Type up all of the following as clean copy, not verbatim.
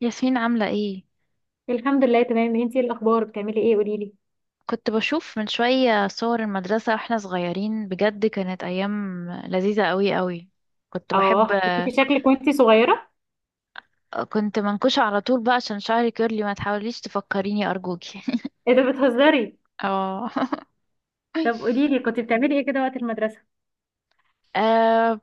ياسمين عاملة ايه؟ الحمد لله تمام. انتي ايه الاخبار؟ بتعملي ايه؟ قولي لي. كنت بشوف من شوية صور المدرسة واحنا صغيرين، بجد كانت أيام لذيذة قوي قوي. كنت بحب. اه، كنتي شكلك وانتي صغيره. كنت منكوشة على طول بقى عشان شعري كيرلي، ما تحاوليش تفكريني أرجوكي. ايه ده، بتهزري؟ اه. طب قولي لي، كنتي بتعملي ايه كده وقت المدرسه؟ آه،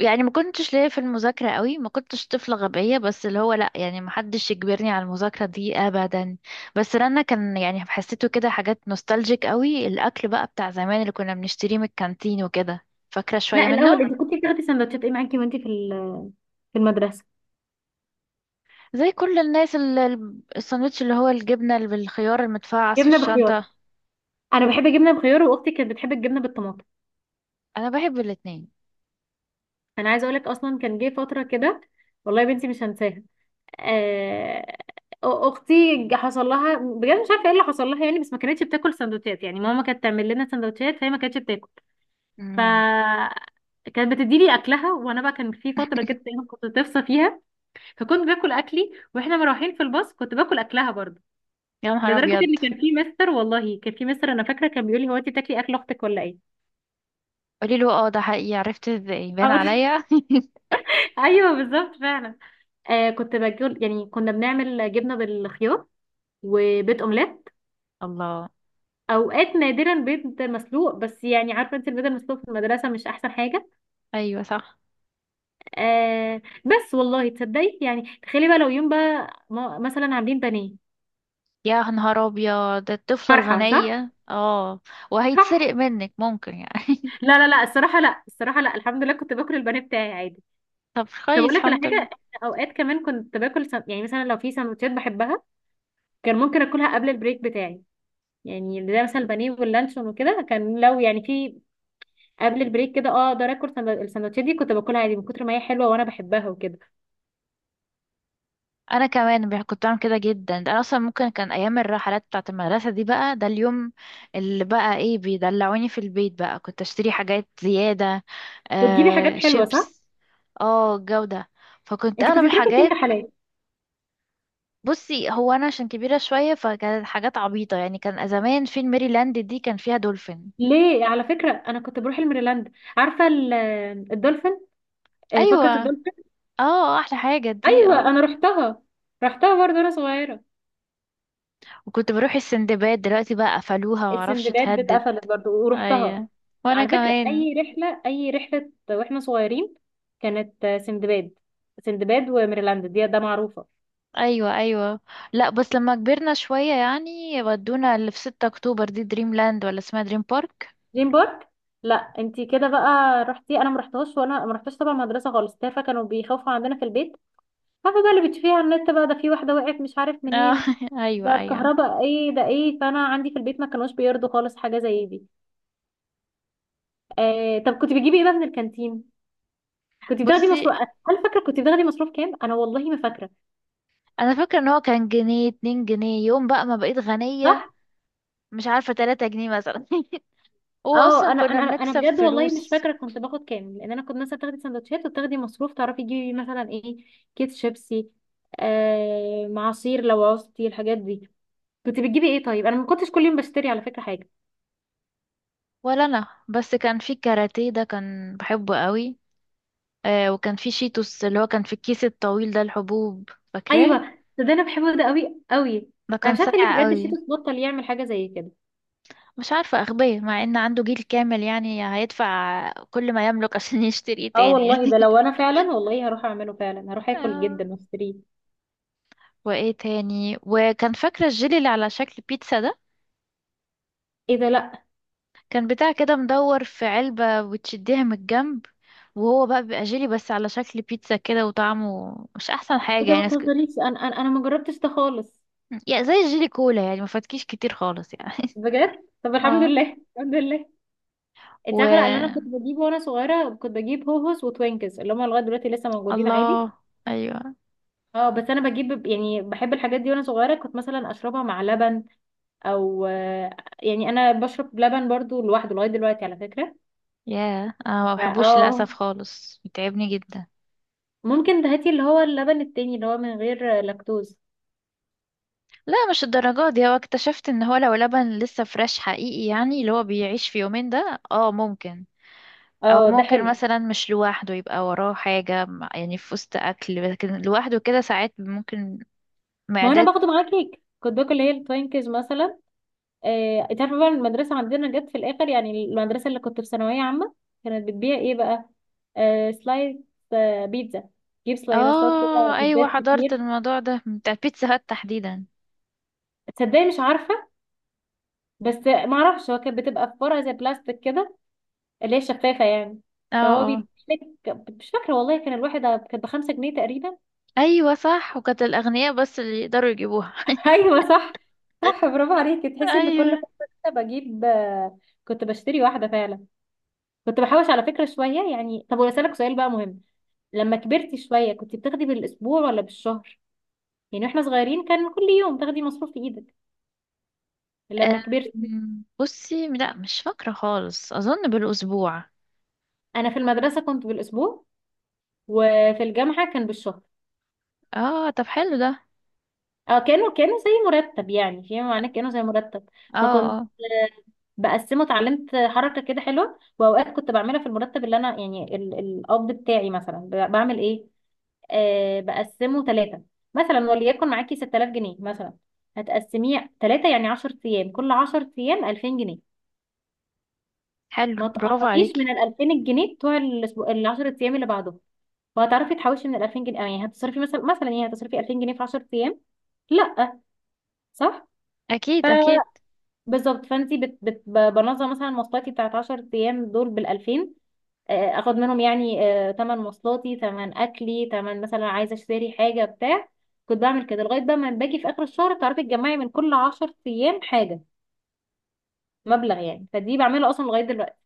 يعني ما كنتش ليا في المذاكرة قوي، ما كنتش طفلة غبية، بس اللي هو لا يعني ما حدش يجبرني على المذاكرة دي أبدا. بس رنا كان يعني حسيته كده حاجات نوستالجيك قوي. الأكل بقى بتاع زمان اللي كنا بنشتريه من الكانتين وكده، فاكرة شوية لا، الاول منه. انت كنتي بتاخدي سندوتشات ايه معاكي وانتي في في المدرسه؟ زي كل الناس الساندوتش اللي هو الجبنة اللي بالخيار المتفعص في جبنه بخيار. الشنطة. انا بحب الجبنه بخيار، واختي كانت بتحب الجبنه بالطماطم. أنا بحب الاتنين. انا عايزه اقول لك، اصلا كان جه فتره كده. والله يا بنتي مش هنساها. آه، اختي حصل لها بجد مش عارفه ايه اللي حصل لها يعني، بس ما كانتش بتاكل سندوتشات. يعني ماما كانت تعمل لنا سندوتشات فهي ما كانتش بتاكل. ف مم. كانت بتديلي اكلها، وانا بقى كان في فتره كده دايما كنت تفصى فيها. فكنت باكل اكلي واحنا مروحين في الباص، كنت باكل اكلها برضه. يا نهار لدرجه أبيض. ان كان في مستر، والله كان في مستر انا فاكره، كان بيقول لي: هو انت بتاكلي اكل اختك ولا ايه؟ قولي له اه ده حقيقي، عرفت ازاي؟ بان اه. عليا. ايوه، بالظبط فعلا. كنت باكل. يعني كنا بنعمل جبنه بالخيار وبيض اومليت. الله. اوقات نادرا بيض مسلوق، بس يعني عارفه انت، البيض المسلوق في المدرسه مش احسن حاجه. أيوة صح. بس والله تصدقي، يعني تخيلي بقى لو يوم بقى مثلا عاملين بانيه. يا نهار أبيض الطفلة فرحة، صح؟ الغنية اه. صح. وهيتسرق منك ممكن يعني. لا لا لا، الصراحة لا، الصراحة لا، الحمد لله كنت باكل البانيه بتاعي عادي. طب طب كويس اقول لك على الحمد لله. حاجة، إحنا اوقات كمان كنت باكل يعني مثلا لو في سندوتشات بحبها، كان ممكن اكلها قبل البريك بتاعي. يعني زي مثلا البانيه واللانشون وكده، كان لو يعني في قبل البريك كده اقدر اكل السندوتشات دي، كنت باكلها عادي من كتر ما هي حلوة وانا بحبها وكده. انا كمان كنت بعمل كده جدا. ده انا اصلا ممكن كان ايام الرحلات بتاعه المدرسه دي بقى ده اليوم اللي بقى ايه، بيدلعوني في البيت بقى كنت اشتري حاجات زياده. وتجيبي حاجات آه حلوة، صح؟ شيبس. اه جوده. فكنت انت اغلب كنت بتروحي فين الحاجات. رحلات؟ بصي، هو انا عشان كبيره شويه فكانت حاجات عبيطه يعني. كان زمان فيلم ميريلاند دي كان فيها دولفين. ليه على فكرة انا كنت بروح الميريلاند. عارفة الدولفين. فقرة ايوه. الدولفين. اه احلى حاجه دي ايوه، اه. انا رحتها. رحتها برضه وانا صغيرة. وكنت بروح السندباد، دلوقتي بقى قفلوها معرفش السندباد اتهدد. اتقفلت برضو ورحتها. ايوه وانا على فكرة كمان. أي رحلة أي رحلة وإحنا صغيرين، كانت سندباد. سندباد وميرلاند، دي ده معروفة. ايوه ايوه. لا بس لما كبرنا شوية يعني ودونا اللي في 6 اكتوبر دي دريم لاند ولا اسمها دريم بارك. دريم بارك. لا، انتي كده بقى رحتي، انا ما رحتهاش وانا ما رحتش طبعا، مدرسه خالص تافهه، كانوا بيخافوا عندنا في البيت. عارفه بقى اللي بتشوفيه على النت بقى، ده في واحده وقعت مش عارف آه. منين. ايوه ده ايوه. الكهرباء، ايه ده ايه، فانا عندي في البيت ما كانوش بيرضوا خالص حاجه زي دي. طب كنت بتجيبي ايه بقى من الكانتين؟ كنت بتاخدي بصي، مصروف؟ هل فاكره كنت بتاخدي مصروف كام؟ انا والله ما فاكره. انا فاكرة ان هو كان جنيه، 2 جنيه يوم بقى ما بقيت غنية. صح. مش عارفة، 3 جنيه مثلا. هو اه، اصلا انا كنا انا انا أنا بنكسب بجد والله مش فلوس. فاكره كنت باخد كام، لان انا كنت مثلا تاخدي سندوتشات وتاخدي مصروف تعرفي تجيبي مثلا ايه. كيس شيبسي. معصير لو عوزتي الحاجات دي. كنت بتجيبي ايه؟ طيب انا ما كنتش كل يوم بشتري على فكره حاجه. ولا انا، بس كان في كاراتيه ده كان بحبه قوي. آه وكان في شيتوس اللي هو كان في الكيس الطويل ده الحبوب، فاكراه؟ ايوه. ده انا بحبه ده قوي قوي. ده انا كان مش عارفه ليه ساقع بجد قوي. شيتوس بطل يعمل حاجه زي كده. مش عارفة أغبية، مع إن عنده جيل كامل يعني هيدفع كل ما يملك عشان يشتري إيه اه تاني. والله، ده لو انا فعلا والله هروح اعمله، فعلا هروح اكل آه. جدا واشتريه. وإيه تاني؟ وكان فاكرة الجيلي اللي على شكل بيتزا ده؟ ايه ده، لا. كان بتاع كده مدور في علبة وتشديها من الجنب، وهو بقى بيبقى جيلي بس على شكل بيتزا كده وطعمه مش أحسن حاجة ده يعني. ما ناس تهزريش، انا ما جربتش ده خالص. يعني زي الجيلي كولا يعني، ما فاتكيش كتير خالص يعني. بجد، طب الحمد اه. لله. الحمد لله. انت و عارفه، لا، اللي انا كنت بجيبه وانا صغيره، كنت بجيب هوهوس وتوينكس، اللي هم لغايه دلوقتي لسه موجودين عادي. الله. أيوه. اه، بس انا بجيب يعني بحب الحاجات دي، وانا صغيره كنت مثلا اشربها مع لبن او يعني انا بشرب لبن برضو لوحده لغايه دلوقتي على فكره. ياه أنا ما ف- بحبوش للأسف اه خالص، بيتعبني جدا. ممكن هاتي اللي هو اللبن التاني اللي هو من غير لاكتوز. لا مش الدرجات دي. هو اكتشفت ان هو لو لبن لسه فريش حقيقي يعني اللي هو بيعيش في يومين ده اه ممكن. او اه، ده ممكن حلو. مثلا مش لوحده، يبقى وراه حاجة يعني في وسط اكل، لكن لوحده كده ساعات ممكن ما هو انا معدات. باخده معاه كيك، كنت باكل اللي هي التوينكس مثلا. انت عارفه بقى، المدرسه عندنا جت في الاخر، يعني المدرسه اللي كنت في ثانويه عامه، كانت بتبيع ايه بقى؟ سلايد. بيتزا. تجيب سلايرسات كده، اه ايوه بيتزات حضرت كتير. الموضوع ده بتاع بيتزا هات تحديدا. تصدقي؟ مش عارفه. بس ما اعرفش، هو كانت بتبقى في فرع زي بلاستيك كده، اللي هي شفافه يعني. اه. فهو اه بيديلك. مش فاكره والله، كان الواحده كانت بخمسة جنيه تقريبا. ايوه صح، وكانت الاغنياء بس اللي يقدروا يجيبوها. ايوه صح. صح، برافو عليكي، تحسي ان كل ايوه. فتره كده بجيب كنت بشتري واحده فعلا. كنت بحوش على فكره شويه يعني. طب واسالك سؤال بقى مهم. لما كبرتي شوية كنت بتاخدي بالأسبوع ولا بالشهر؟ يعني واحنا صغيرين كان كل يوم تاخدي مصروف في ايدك. لما كبرتي. بصي، لا مش فاكرة خالص، اظن بالاسبوع. انا في المدرسة كنت بالأسبوع. وفي الجامعة كان بالشهر. اه طب حلو ده. اه، كانوا زي مرتب، يعني فيما معناه كانوا زي مرتب. اه. فكنت اه بقسمه، اتعلمت حركة كده حلوة، واوقات كنت بعملها في المرتب اللي انا يعني القبض بتاعي مثلا بعمل ايه. بقسمه ثلاثة مثلا. وليكن معاكي 6000 جنيه مثلا. هتقسميه ثلاثة، يعني 10 ايام، كل 10 ايام 2000 جنيه. حلو ما برافو تقربيش عليكي. من ال 2000 جنيه بتوع الاسبوع ال 10 ايام اللي بعده. وهتعرفي تحوشي من ال 2000 جنيه، يعني هتصرفي مثلا، يعني هتصرفي 2000 جنيه في 10 ايام. لا. صح. ف- اكيد اكيد. بالظبط، فانت بنظم مثلا مواصلاتي بتاعت 10 ايام دول بال 2000. اخد منهم يعني. تمن مواصلاتي، تمن اكلي، تمن مثلا عايزه اشتري حاجه بتاع. كنت بعمل كده لغايه بقى ما باجي في اخر الشهر، تعرفي تجمعي من كل 10 ايام حاجه، مبلغ يعني. فدي بعملها اصلا لغايه دلوقتي.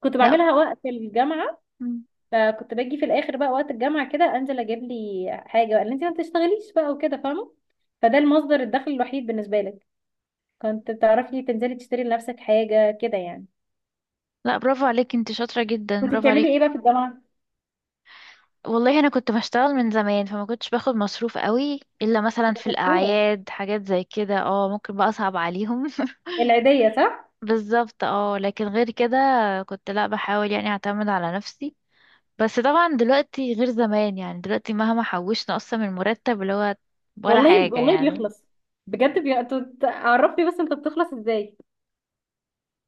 كنت لا. بعملها وقت الجامعه. مم. فكنت باجي في الاخر بقى وقت الجامعه كده انزل اجيب لي حاجه بقى، اللي انت ما بتشتغليش بقى وكده، فاهمه؟ فده المصدر الدخل الوحيد بالنسبه لك، كنت بتعرفي تنزلي تشتري لنفسك حاجه كده يعني؟ لا برافو عليك، انت شاطره جدا، كنت برافو بتعملي عليك. ايه بقى في الجامعه؟ والله انا كنت بشتغل من زمان، فما كنتش باخد مصروف قوي الا مثلا كنت في شطوره. الاعياد، حاجات زي كده اه ممكن بقى اصعب عليهم. العيديه، صح. بالظبط اه. لكن غير كده كنت لا بحاول يعني اعتمد على نفسي. بس طبعا دلوقتي غير زمان يعني، دلوقتي مهما حوشنا اصلا من مرتب اللي هو ولا والله حاجه والله يعني. بيخلص. بجد، انتوا عرفني بس انت بتخلص ازاي؟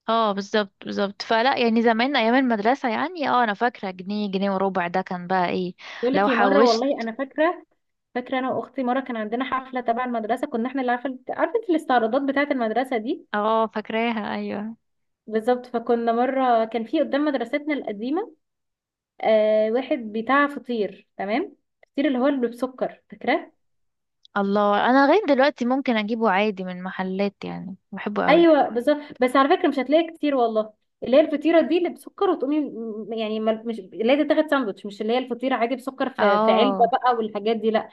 اه بالظبط بالظبط. فلا يعني زمان ايام المدرسه يعني اه انا فاكره جنيه، جنيه وربع ده كان بقى ايه بقول لو لك ايه، مره والله حوشت؟ انا فاكره. فاكره انا واختي مره كان عندنا حفله تبع المدرسه كنا احنا اللي، عارفه انت الاستعراضات بتاعه المدرسه دي؟ اه فاكراها ايوه. بالظبط. فكنا مره كان في قدام مدرستنا القديمه واحد بتاع فطير تمام. الفطير اللي هو اللي بالسكر، فاكراه؟ الله انا لغايه دلوقتي ممكن اجيبه عادي من محلات يعني، بحبه قوي. ايوه بالظبط، بس على فكره مش هتلاقي كتير والله. اللي هي الفطيره دي اللي بسكر وتقومي يعني مش اللي هي تاخد ساندوتش، مش اللي هي الفطيره عادي بسكر في علبه اه. بقى والحاجات دي، لا.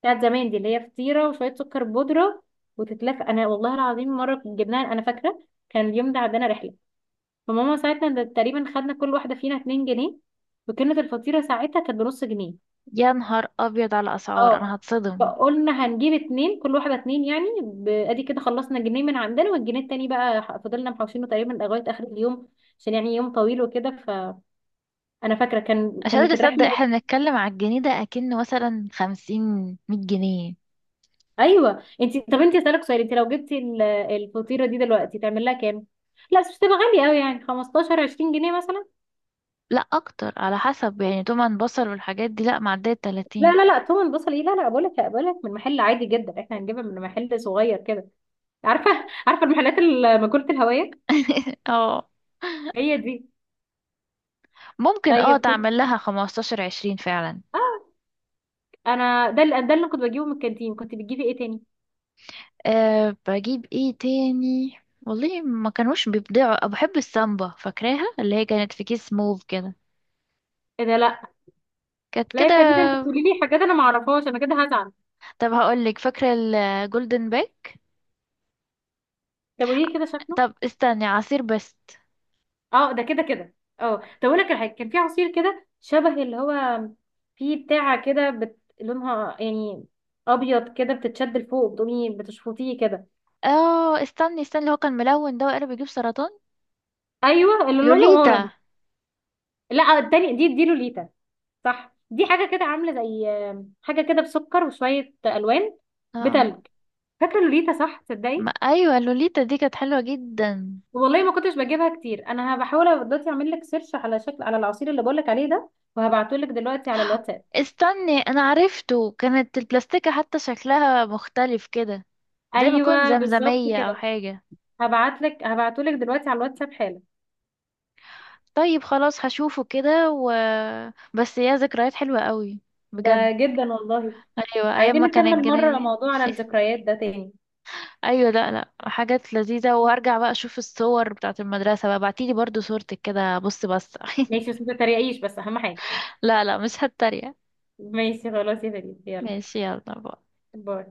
بتاعت زمان دي، اللي هي فطيره وشويه سكر بودره وتتلف. انا والله العظيم مره جبناها انا فاكره، كان اليوم ده عندنا رحله. فماما ساعتها ده تقريبا خدنا كل واحده فينا 2 جنيه. وكانت الفطيره ساعتها كانت بنص جنيه. يا نهار ابيض على اسعار، انا اه، هتصدم. فقلنا هنجيب اتنين، كل واحدة اتنين يعني، ادي كده خلصنا جنيه من عندنا، والجنيه التاني بقى فضلنا محوشينه تقريبا لغاية اخر اليوم، عشان يعني يوم طويل وكده. فانا فاكرة كان مش قادره كانت اصدق الرحلة. احنا بنتكلم على الجنيه ده اكنه مثلا 50، 100 جنيه. ايوه، انت طب انت اسالك سؤال، انت لو جبتي الفطيرة دي دلوقتي تعمل لها كام؟ لا بس مش تبقى غالية قوي، يعني 15 20 جنيه مثلا. لا اكتر، على حسب يعني طبعا بصل والحاجات دي لا، معديه لا الـ30. لا لا، تومن بصل ايه، لا لا، بقول لك من محل عادي جدا، احنا هنجيبها من محل صغير كده. عارفة عارفة المحلات ماكولة الهوية. اه هي دي. ممكن اه طيب كنت. تعمل لها 15، 20 فعلا. اه. انا ده اللي كنت بجيبه من الكانتين. كنت بتجيبي ايه تاني؟ أه بجيب ايه تاني؟ والله ما كانوش بيبدعوا. بحب السامبا فاكراها، اللي هي كانت في كيس موف كده. ايه ده، لا. كانت لا كده. يا فريده انت بتقولي لي حاجات انا ما اعرفهاش، انا كده هزعل. طب هقولك، فاكرة الجولدن باك؟ طب قولي لي كده شكله. طب استني عصير بست. اه ده كده كده. اه طب اقول لك على حاجه، كان في عصير كده شبه اللي هو في بتاعه كده لونها يعني ابيض كده، بتتشد لفوق بتقومي بتشفطيه كده. اه استني استني اللي هو كان ملون ده، وقالب يجيب سرطان. ايوه، اللي لونه لوليتا. اورنج. لا التاني، دي لوليتا. صح، دي حاجه كده عامله زي حاجه كده بسكر وشويه الوان اه بتلج. فاكره لوليتا صح؟ تصدقي؟ ما ايوه لوليتا دي كانت حلوة جدا. والله ما كنتش بجيبها كتير، انا بحاول دلوقتي اعمل لك سيرش على شكل على العصير اللي بقول لك عليه ده، وهبعته لك دلوقتي على الواتساب. استني انا عرفته، كانت البلاستيكة حتى شكلها مختلف كده، زي ما يكون ايوه، بالظبط زمزمية او كده. حاجة. هبعته لك دلوقتي على الواتساب حالا. طيب خلاص هشوفه كده و بس يا ذكريات حلوة قوي بجد. ده جدا والله. ايوه ايام عايزين ما كان نكمل مره الجنيه. موضوع على الذكريات ده تاني. ايوه لا لا، حاجات لذيذه. وهرجع بقى اشوف الصور بتاعت المدرسه بقى، بعتيلي برضو صورتك كده بص بس. ماشي، بس ما تتريقيش بس اهم حاجه. لا لا مش هتريق. ماشي خلاص، يا فريد يلا. ماشي يلا بقى. باي.